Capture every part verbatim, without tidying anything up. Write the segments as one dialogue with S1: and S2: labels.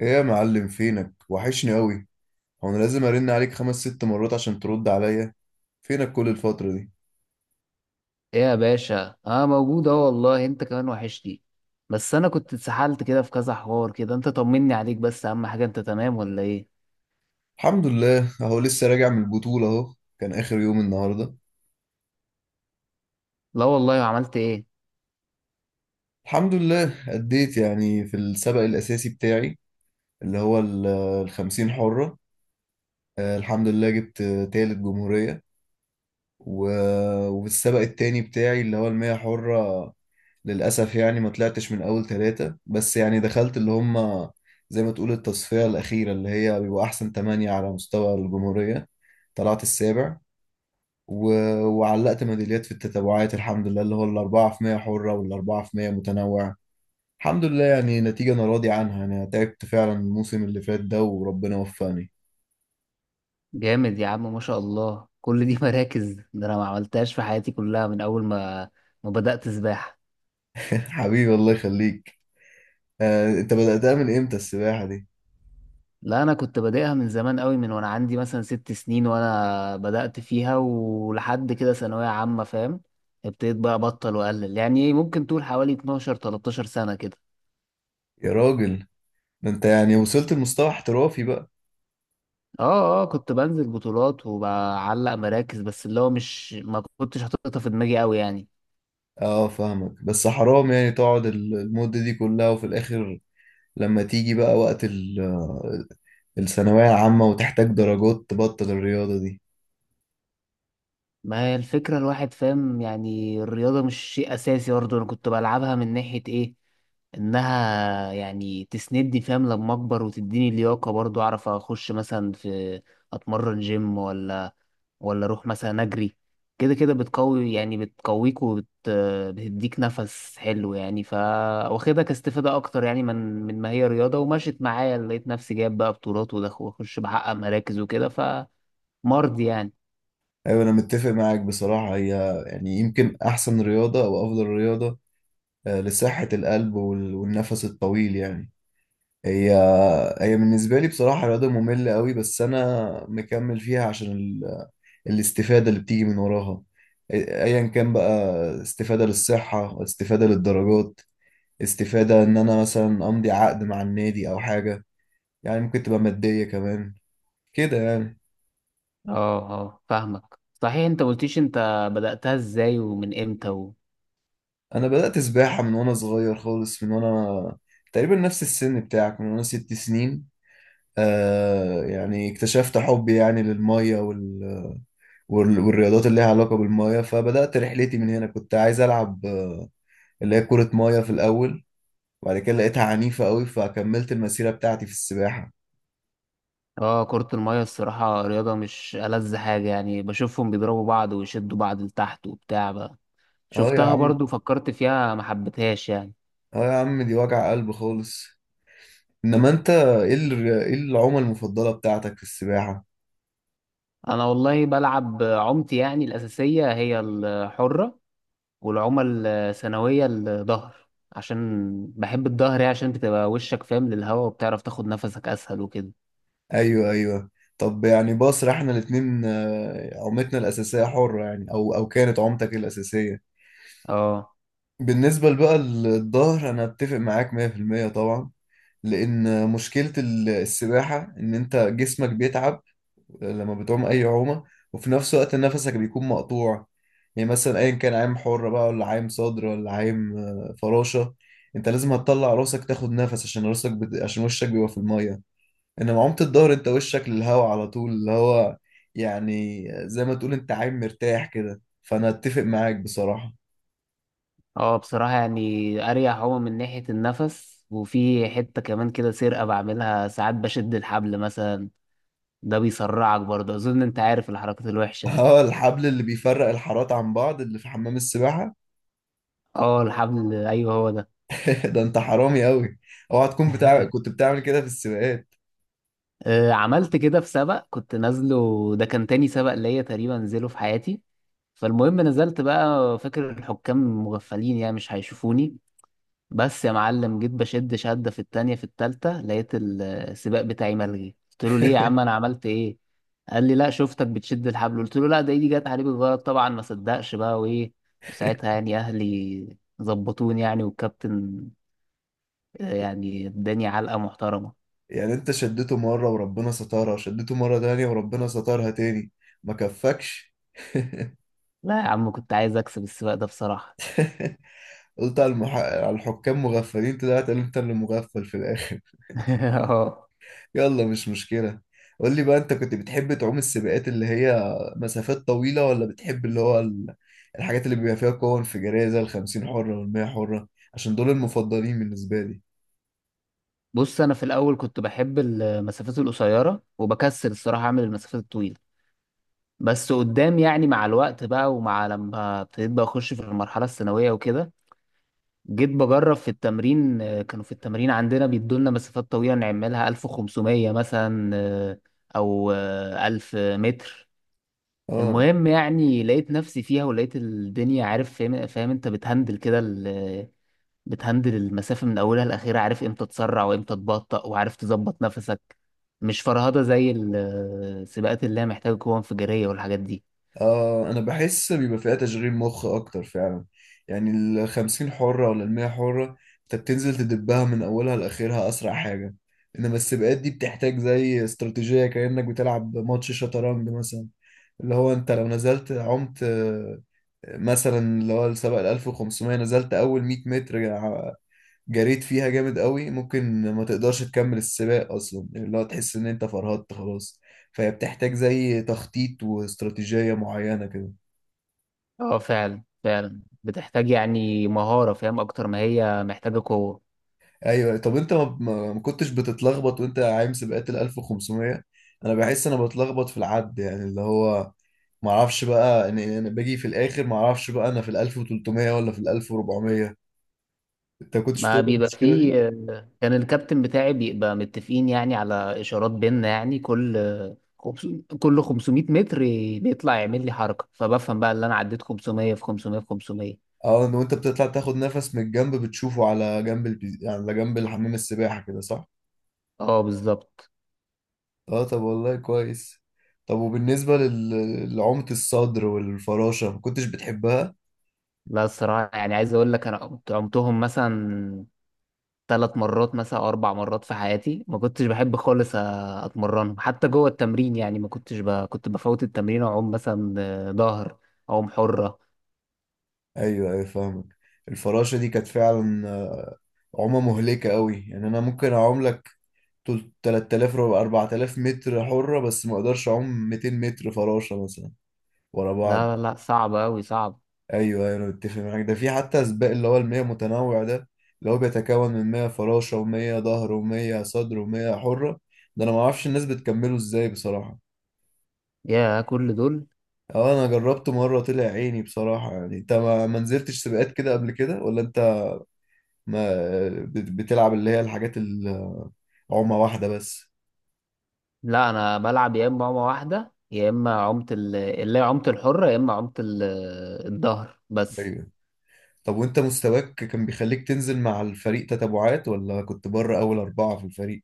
S1: ايه يا معلم، فينك؟ وحشني قوي. هو انا لازم ارن عليك خمس ست مرات عشان ترد عليا؟ فينك كل الفترة دي؟
S2: ايه يا باشا، اه، موجود اهو. والله انت كمان وحشني. بس انا كنت اتسحلت كده في كذا حوار كده، انت طمني عليك، بس اهم حاجة انت تمام ولا ايه؟
S1: الحمد لله اهو لسه راجع من البطولة اهو. كان اخر يوم النهاردة.
S2: لا والله، عملت ايه؟
S1: الحمد لله اديت يعني في السبق الاساسي بتاعي اللي هو ال- الخمسين حرة. آه، الحمد لله جبت آه، تالت جمهورية. و- وفي السبق التاني بتاعي اللي هو المية حرة، للأسف يعني ما طلعتش من أول ثلاثة، بس يعني دخلت اللي هم زي ما تقول التصفية الأخيرة اللي هي بيبقوا أحسن تمانية على مستوى الجمهورية. طلعت السابع و... وعلقت ميداليات في التتابعات الحمد لله، اللي هو الأربعة في مية حرة والأربعة في مية متنوع. الحمد لله يعني نتيجة أنا راضي عنها، أنا تعبت فعلا الموسم اللي فات ده وربنا وفقني.
S2: جامد يا عم، ما شاء الله كل دي مراكز. ده انا ما عملتهاش في حياتي كلها من اول ما ما بدأت سباحة.
S1: حبيبي، الله يخليك. آه، أنت بدأتها من إمتى السباحة دي؟
S2: لا انا كنت بادئها من زمان قوي، من وانا عندي مثلا ست سنين وانا بدأت فيها، ولحد كده ثانوية عامة، فاهم؟ ابتديت بقى ابطل واقلل، يعني إيه، ممكن تقول حوالي اتناشر تلتاشر سنة كده.
S1: يا راجل، ده أنت يعني وصلت لمستوى احترافي بقى.
S2: اه اه، كنت بنزل بطولات وبعلق مراكز، بس اللي هو مش ما كنتش حاططها في دماغي قوي يعني.
S1: اه فاهمك، بس حرام يعني تقعد ال- المدة دي كلها، وفي الآخر لما تيجي بقى وقت ال- الثانوية العامة وتحتاج درجات تبطل الرياضة دي.
S2: ما هي الفكرة، الواحد فاهم يعني الرياضة مش شيء أساسي برضه. أنا كنت بلعبها من ناحية إيه، إنها يعني تسندني، فاهم، لما أكبر، وتديني لياقة برضه، أعرف أخش مثلا في، أتمرن جيم، ولا ولا اروح مثلا اجري. كده كده بتقوي، يعني بتقويك، وبت بتديك نفس حلو يعني. ف واخدها كاستفادة اكتر يعني، من من ما هي رياضة. ومشيت معايا لقيت نفسي جايب بقى بطولات، ودخ- واخش بحقق مراكز وكده، فمرضي يعني.
S1: أيوة، أنا متفق معاك بصراحة. هي يعني يمكن أحسن رياضة أو أفضل رياضة، آه، لصحة القلب وال- والنفس الطويل يعني. هي هي بالنسبة لي بصراحة رياضة مملة قوي، بس أنا مكمل فيها عشان ال- الاستفادة اللي بتيجي من وراها. أي- أيا كان بقى، استفادة للصحة، استفادة للدرجات، استفادة ان انا مثلا امضي عقد مع النادي او حاجة، يعني ممكن تبقى مادية كمان كده يعني.
S2: اه اه، فاهمك. صحيح انت قلتيش انت بدأتها ازاي ومن امتى و...
S1: انا بدأت سباحة من وانا صغير خالص، من وانا تقريبا نفس السن بتاعك، من وانا ست سنين. آه يعني اكتشفت حبي يعني للمية وال... وال... والرياضات اللي ليها علاقة بالمية، فبدأت رحلتي من هنا. كنت عايز ألعب آه، اللي هي كرة مية في الأول، وبعد كده لقيتها عنيفة قوي فكملت المسيرة بتاعتي في السباحة.
S2: اه، كرة المية الصراحة رياضة مش ألذ حاجة. يعني بشوفهم بيضربوا بعض ويشدوا بعض لتحت وبتاع بقى.
S1: اه يا
S2: شفتها
S1: عم،
S2: برضو، فكرت فيها، ما حبيتهاش يعني.
S1: اه يا عم دي وجع قلب خالص. انما انت ايه ال- ايه العومة المفضلة بتاعتك في السباحة؟
S2: انا والله بلعب عمتي، يعني الاساسيه هي الحره، والعمى الثانويه الظهر، عشان بحب الظهر، يعني عشان بتبقى وشك فاهم للهواء وبتعرف تاخد نفسك اسهل وكده.
S1: ايوه، ايوه. طب يعني بصرا، احنا الاتنين آه، عومتنا الاساسية حرة يعني، او او كانت عومتك الاساسية.
S2: اه
S1: بالنسبة بقى للظهر، انا اتفق معاك مية في المية طبعا، لان مشكلة ال- السباحة ان انت جسمك بيتعب لما بتعوم اي عومه، وفي نفس الوقت نفسك بيكون مقطوع. يعني مثلا ايا كان عايم حره بقى، ولا عايم صدر، ولا عايم آه، فراشه، انت لازم هتطلع راسك تاخد نفس، عشان راسك بت... عشان وشك بيبقى في الميه. انما عومه الظهر، انت وشك للهواء على طول، اللي هو يعني زي ما تقول انت عايم مرتاح كده، فانا اتفق معاك بصراحه.
S2: اه، بصراحه يعني اريح عمى من ناحيه النفس، وفي حته كمان كده سرقه بعملها ساعات، بشد الحبل مثلا، ده بيسرعك برضه. اظن انت عارف الحركات الوحشه دي.
S1: اه، الحبل اللي بيفرق الحارات عن بعض اللي في حمام السباحه.
S2: اه الحبل، ايوه هو ده.
S1: ده انت حرامي قوي. اوعى تكون بتاع، كنت بتعمل كده في السباقات؟
S2: آه، عملت كده في سبق كنت نازله، ده كان تاني سبق ليا تقريبا نزله في حياتي. فالمهم نزلت بقى، فاكر الحكام مغفلين، يعني مش هيشوفوني. بس يا معلم جيت بشد شدة في التانية في التالتة، لقيت ال- السباق بتاعي ملغي. قلت له ليه يا عم، انا عملت ايه؟ قال لي لا، شفتك بتشد الحبل. قلت له لا، ده ايدي جت عليه بالغلط. طبعا ما صدقش بقى وايه. وساعتها يعني اهلي ظبطوني، يعني والكابتن، آه، يعني اداني علقة محترمة.
S1: يعني انت شدته مرة وربنا سترها، وشدته مرة تانية وربنا سترها تاني، ما كفكش!
S2: لا يا عم، كنت عايز اكسب السباق ده بصراحة.
S1: قلت على، المح... على الحكام مغفلين، طلعت انت اللي مغفل في الاخر.
S2: اه،
S1: يلا، مش مشكلة. قول لي بقى، انت كنت بتحب تعوم السباقات اللي هي مسافات طويلة، ولا بتحب اللي هو ال- الحاجات اللي بيبقى فيها قوة انفجارية زي الخمسين حرة والمية حرة؟ عشان دول المفضلين بالنسبة لي.
S2: بص، انا في الاول كنت بحب المسافات القصيره وبكسل الصراحه اعمل المسافات الطويله. بس قدام يعني مع الوقت بقى، ومع لما ابتديت بقى اخش في المرحله الثانويه وكده، جيت بجرب في التمرين. آه، كانوا في التمرين عندنا بيدولنا مسافات طويله نعملها ألف وخمسمية مثلا، آه، او آه، ألف متر.
S1: اه،
S2: المهم يعني لقيت نفسي فيها، ولقيت الدنيا، عارف، فاهم, فاهم انت بتهندل كده، بتهندل المسافة من أولها لآخرها، عارف إمتى تسرع وإمتى تبطأ وعارف تظبط نفسك. مش فرهضة زي السباقات اللي هي محتاجة قوة انفجارية والحاجات دي.
S1: آه أنا بحس بيبقى فيها تشغيل مخ أكتر فعلا. يعني الخمسين حرة ولا المية حرة، أنت بتنزل تدبها من أولها لآخرها أسرع حاجة. إنما السباقات دي بتحتاج زي استراتيجية، كأنك بتلعب ماتش شطرنج مثلا. اللي هو أنت لو نزلت عمت آه، مثلا اللي هو السباق الألف وخمسمية، نزلت أول مية متر جا- جريت فيها جامد قوي، ممكن ما تقدرش تكمل السباق أصلا، اللي هو تحس إن أنت فرهدت خلاص. فهي بتحتاج زي تخطيط واستراتيجية معينة كده.
S2: اه، فعلا فعلا بتحتاج يعني مهارة، فاهم، أكتر ما هي محتاجة قوة.
S1: ايوه. طب انت ما ما- ما كنتش بتتلخبط وانت عايم سباقات ال الألف وخمسمية؟ انا بحس انا بتلخبط في العد، يعني اللي هو ما اعرفش بقى ان إن انا باجي في الاخر ما اعرفش بقى انا في ال الألف وتلتمية ولا في ال الألف واربعمية. انت كنتش
S2: ما
S1: بتقول
S2: بيبقى
S1: المشكله
S2: فيه.
S1: دي؟
S2: كان الكابتن بتاعي بيبقى متفقين يعني على إشارات بينا، يعني كل خمسو- كل خمسمية متر بيطلع يعمل لي حركة، فبفهم بقى اللي أنا عديت خمسمية في خمسمية في خمسمية.
S1: اه، ان وانت بتطلع تاخد نفس من الجنب بتشوفه على جنب البي... يعني على جنب الحمام السباحه كده، صح؟
S2: اه بالظبط.
S1: اه، طب والله كويس. طب وبالنسبه لل- لعومه الصدر والفراشه، ما كنتش بتحبها؟
S2: لا الصراحة، يعني عايز أقول لك أنا كنت عمتهم مثلا ثلاث مرات مثلا أو أربع مرات في حياتي. ما كنتش بحب خالص أ- أتمرنهم حتى جوه التمرين، يعني ما كنتش ب... كنت بفوت التمرين وأعوم مثلا آه، ظهر، أعوم حرة.
S1: ايوه، ايوه فاهمك. الفراشة دي كانت فعلا عمى مهلكة قوي. يعني انا ممكن اعوم لك تل- تلت آلاف، ربع- 4000 متر حرة، بس ما اقدرش اعوم 200 متر فراشة مثلا ورا بعض.
S2: لا لا، صعب أوي، صعب.
S1: ايوه، ايوه انا متفق معاك. ده في حتى سباق اللي هو المية متنوع ده، اللي هو بيتكون من مية فراشة و100 ظهر و100 صدر و100 حرة. ده انا ما اعرفش الناس بتكمله ازاي بصراحة.
S2: يا كل دول.
S1: اه، انا جربته مرة طلع عيني بصراحة. يعني انت ما ما نزلتش سباقات كده قبل كده، ولا انت ما بت- بتلعب اللي هي الحاجات العومة واحدة بس؟
S2: لا، أنا بلعب يا إما عومة واحدة يا إما عومة ال... اللي هي عومة الحرة، يا إما عومة ال... الظهر بس.
S1: أيوه. طب وانت مستواك كان بيخليك تنزل مع الفريق تتبعات، ولا كنت بره اول اربعة في الفريق؟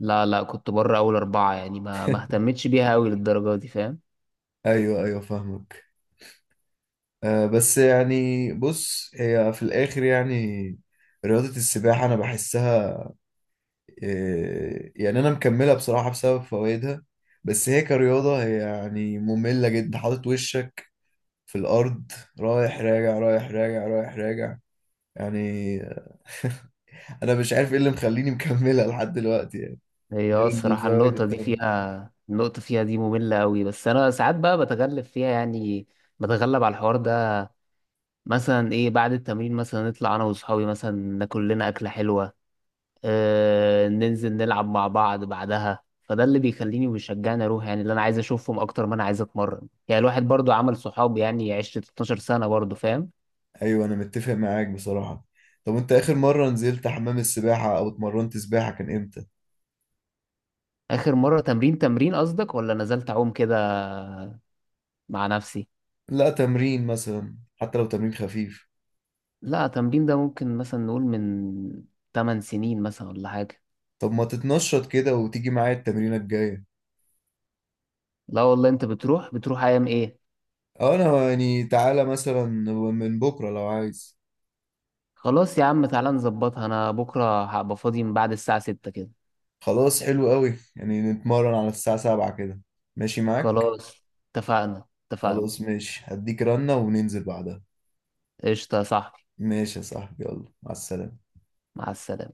S2: لا لا، كنت بره أول أربعة، يعني ما ما اهتمتش بيها أوي للدرجة دي، فاهم؟
S1: ايوه، ايوه فاهمك. آه بس يعني بص، هي في الاخر يعني رياضة السباحة انا بحسها، آه يعني انا مكملها بصراحة بسبب فوائدها. بس هي كرياضة هي يعني مملة جدا، حاطط وشك في الارض، رايح راجع، رايح راجع، رايح راجع يعني. انا مش عارف ايه اللي مخليني مكملها لحد دلوقتي يعني،
S2: هي اه
S1: غير
S2: الصراحة،
S1: الفوائد
S2: النقطة دي
S1: التانية.
S2: فيها، النقطة فيها دي مملة أوي. بس أنا ساعات بقى بتغلب فيها، يعني بتغلب على الحوار ده. مثلا إيه، بعد التمرين مثلا نطلع أنا وأصحابي مثلا، ناكل لنا أكلة حلوة، آه ننزل نلعب مع بعض بعدها. فده اللي بيخليني وبيشجعني أروح، يعني اللي أنا عايز أشوفهم أكتر ما أنا عايز أتمرن، يعني الواحد برضو عمل صحاب، يعني عشت اتناشر سنة برضو، فاهم؟
S1: ايوه، انا متفق معاك بصراحة. طب انت اخر مرة نزلت حمام السباحة او اتمرنت سباحة كان امتى؟
S2: آخر مرة تمرين تمرين قصدك، ولا نزلت أعوم كده مع نفسي؟
S1: لا، تمرين مثلا، حتى لو تمرين خفيف.
S2: لا تمرين ده ممكن مثلا نقول من ثماني سنين مثلا ولا حاجة.
S1: طب ما تتنشط كده وتيجي معايا التمرينة الجاية؟
S2: لا والله، انت بتروح بتروح ايام ايه؟
S1: اه انا يعني، تعالى مثلا من بكرة لو عايز.
S2: خلاص يا عم، تعالى نظبطها. انا بكرة هبقى فاضي من بعد الساعة السادسة كده.
S1: خلاص، حلو قوي. يعني نتمرن على الساعة سبعة كده، ماشي معاك؟
S2: خلاص. اتفقنا اتفقنا.
S1: خلاص، ماشي. هديك رنة وننزل بعدها.
S2: قشطة يا صاحبي.
S1: ماشي يا صاحبي، يلا مع السلامة.
S2: مع السلامة.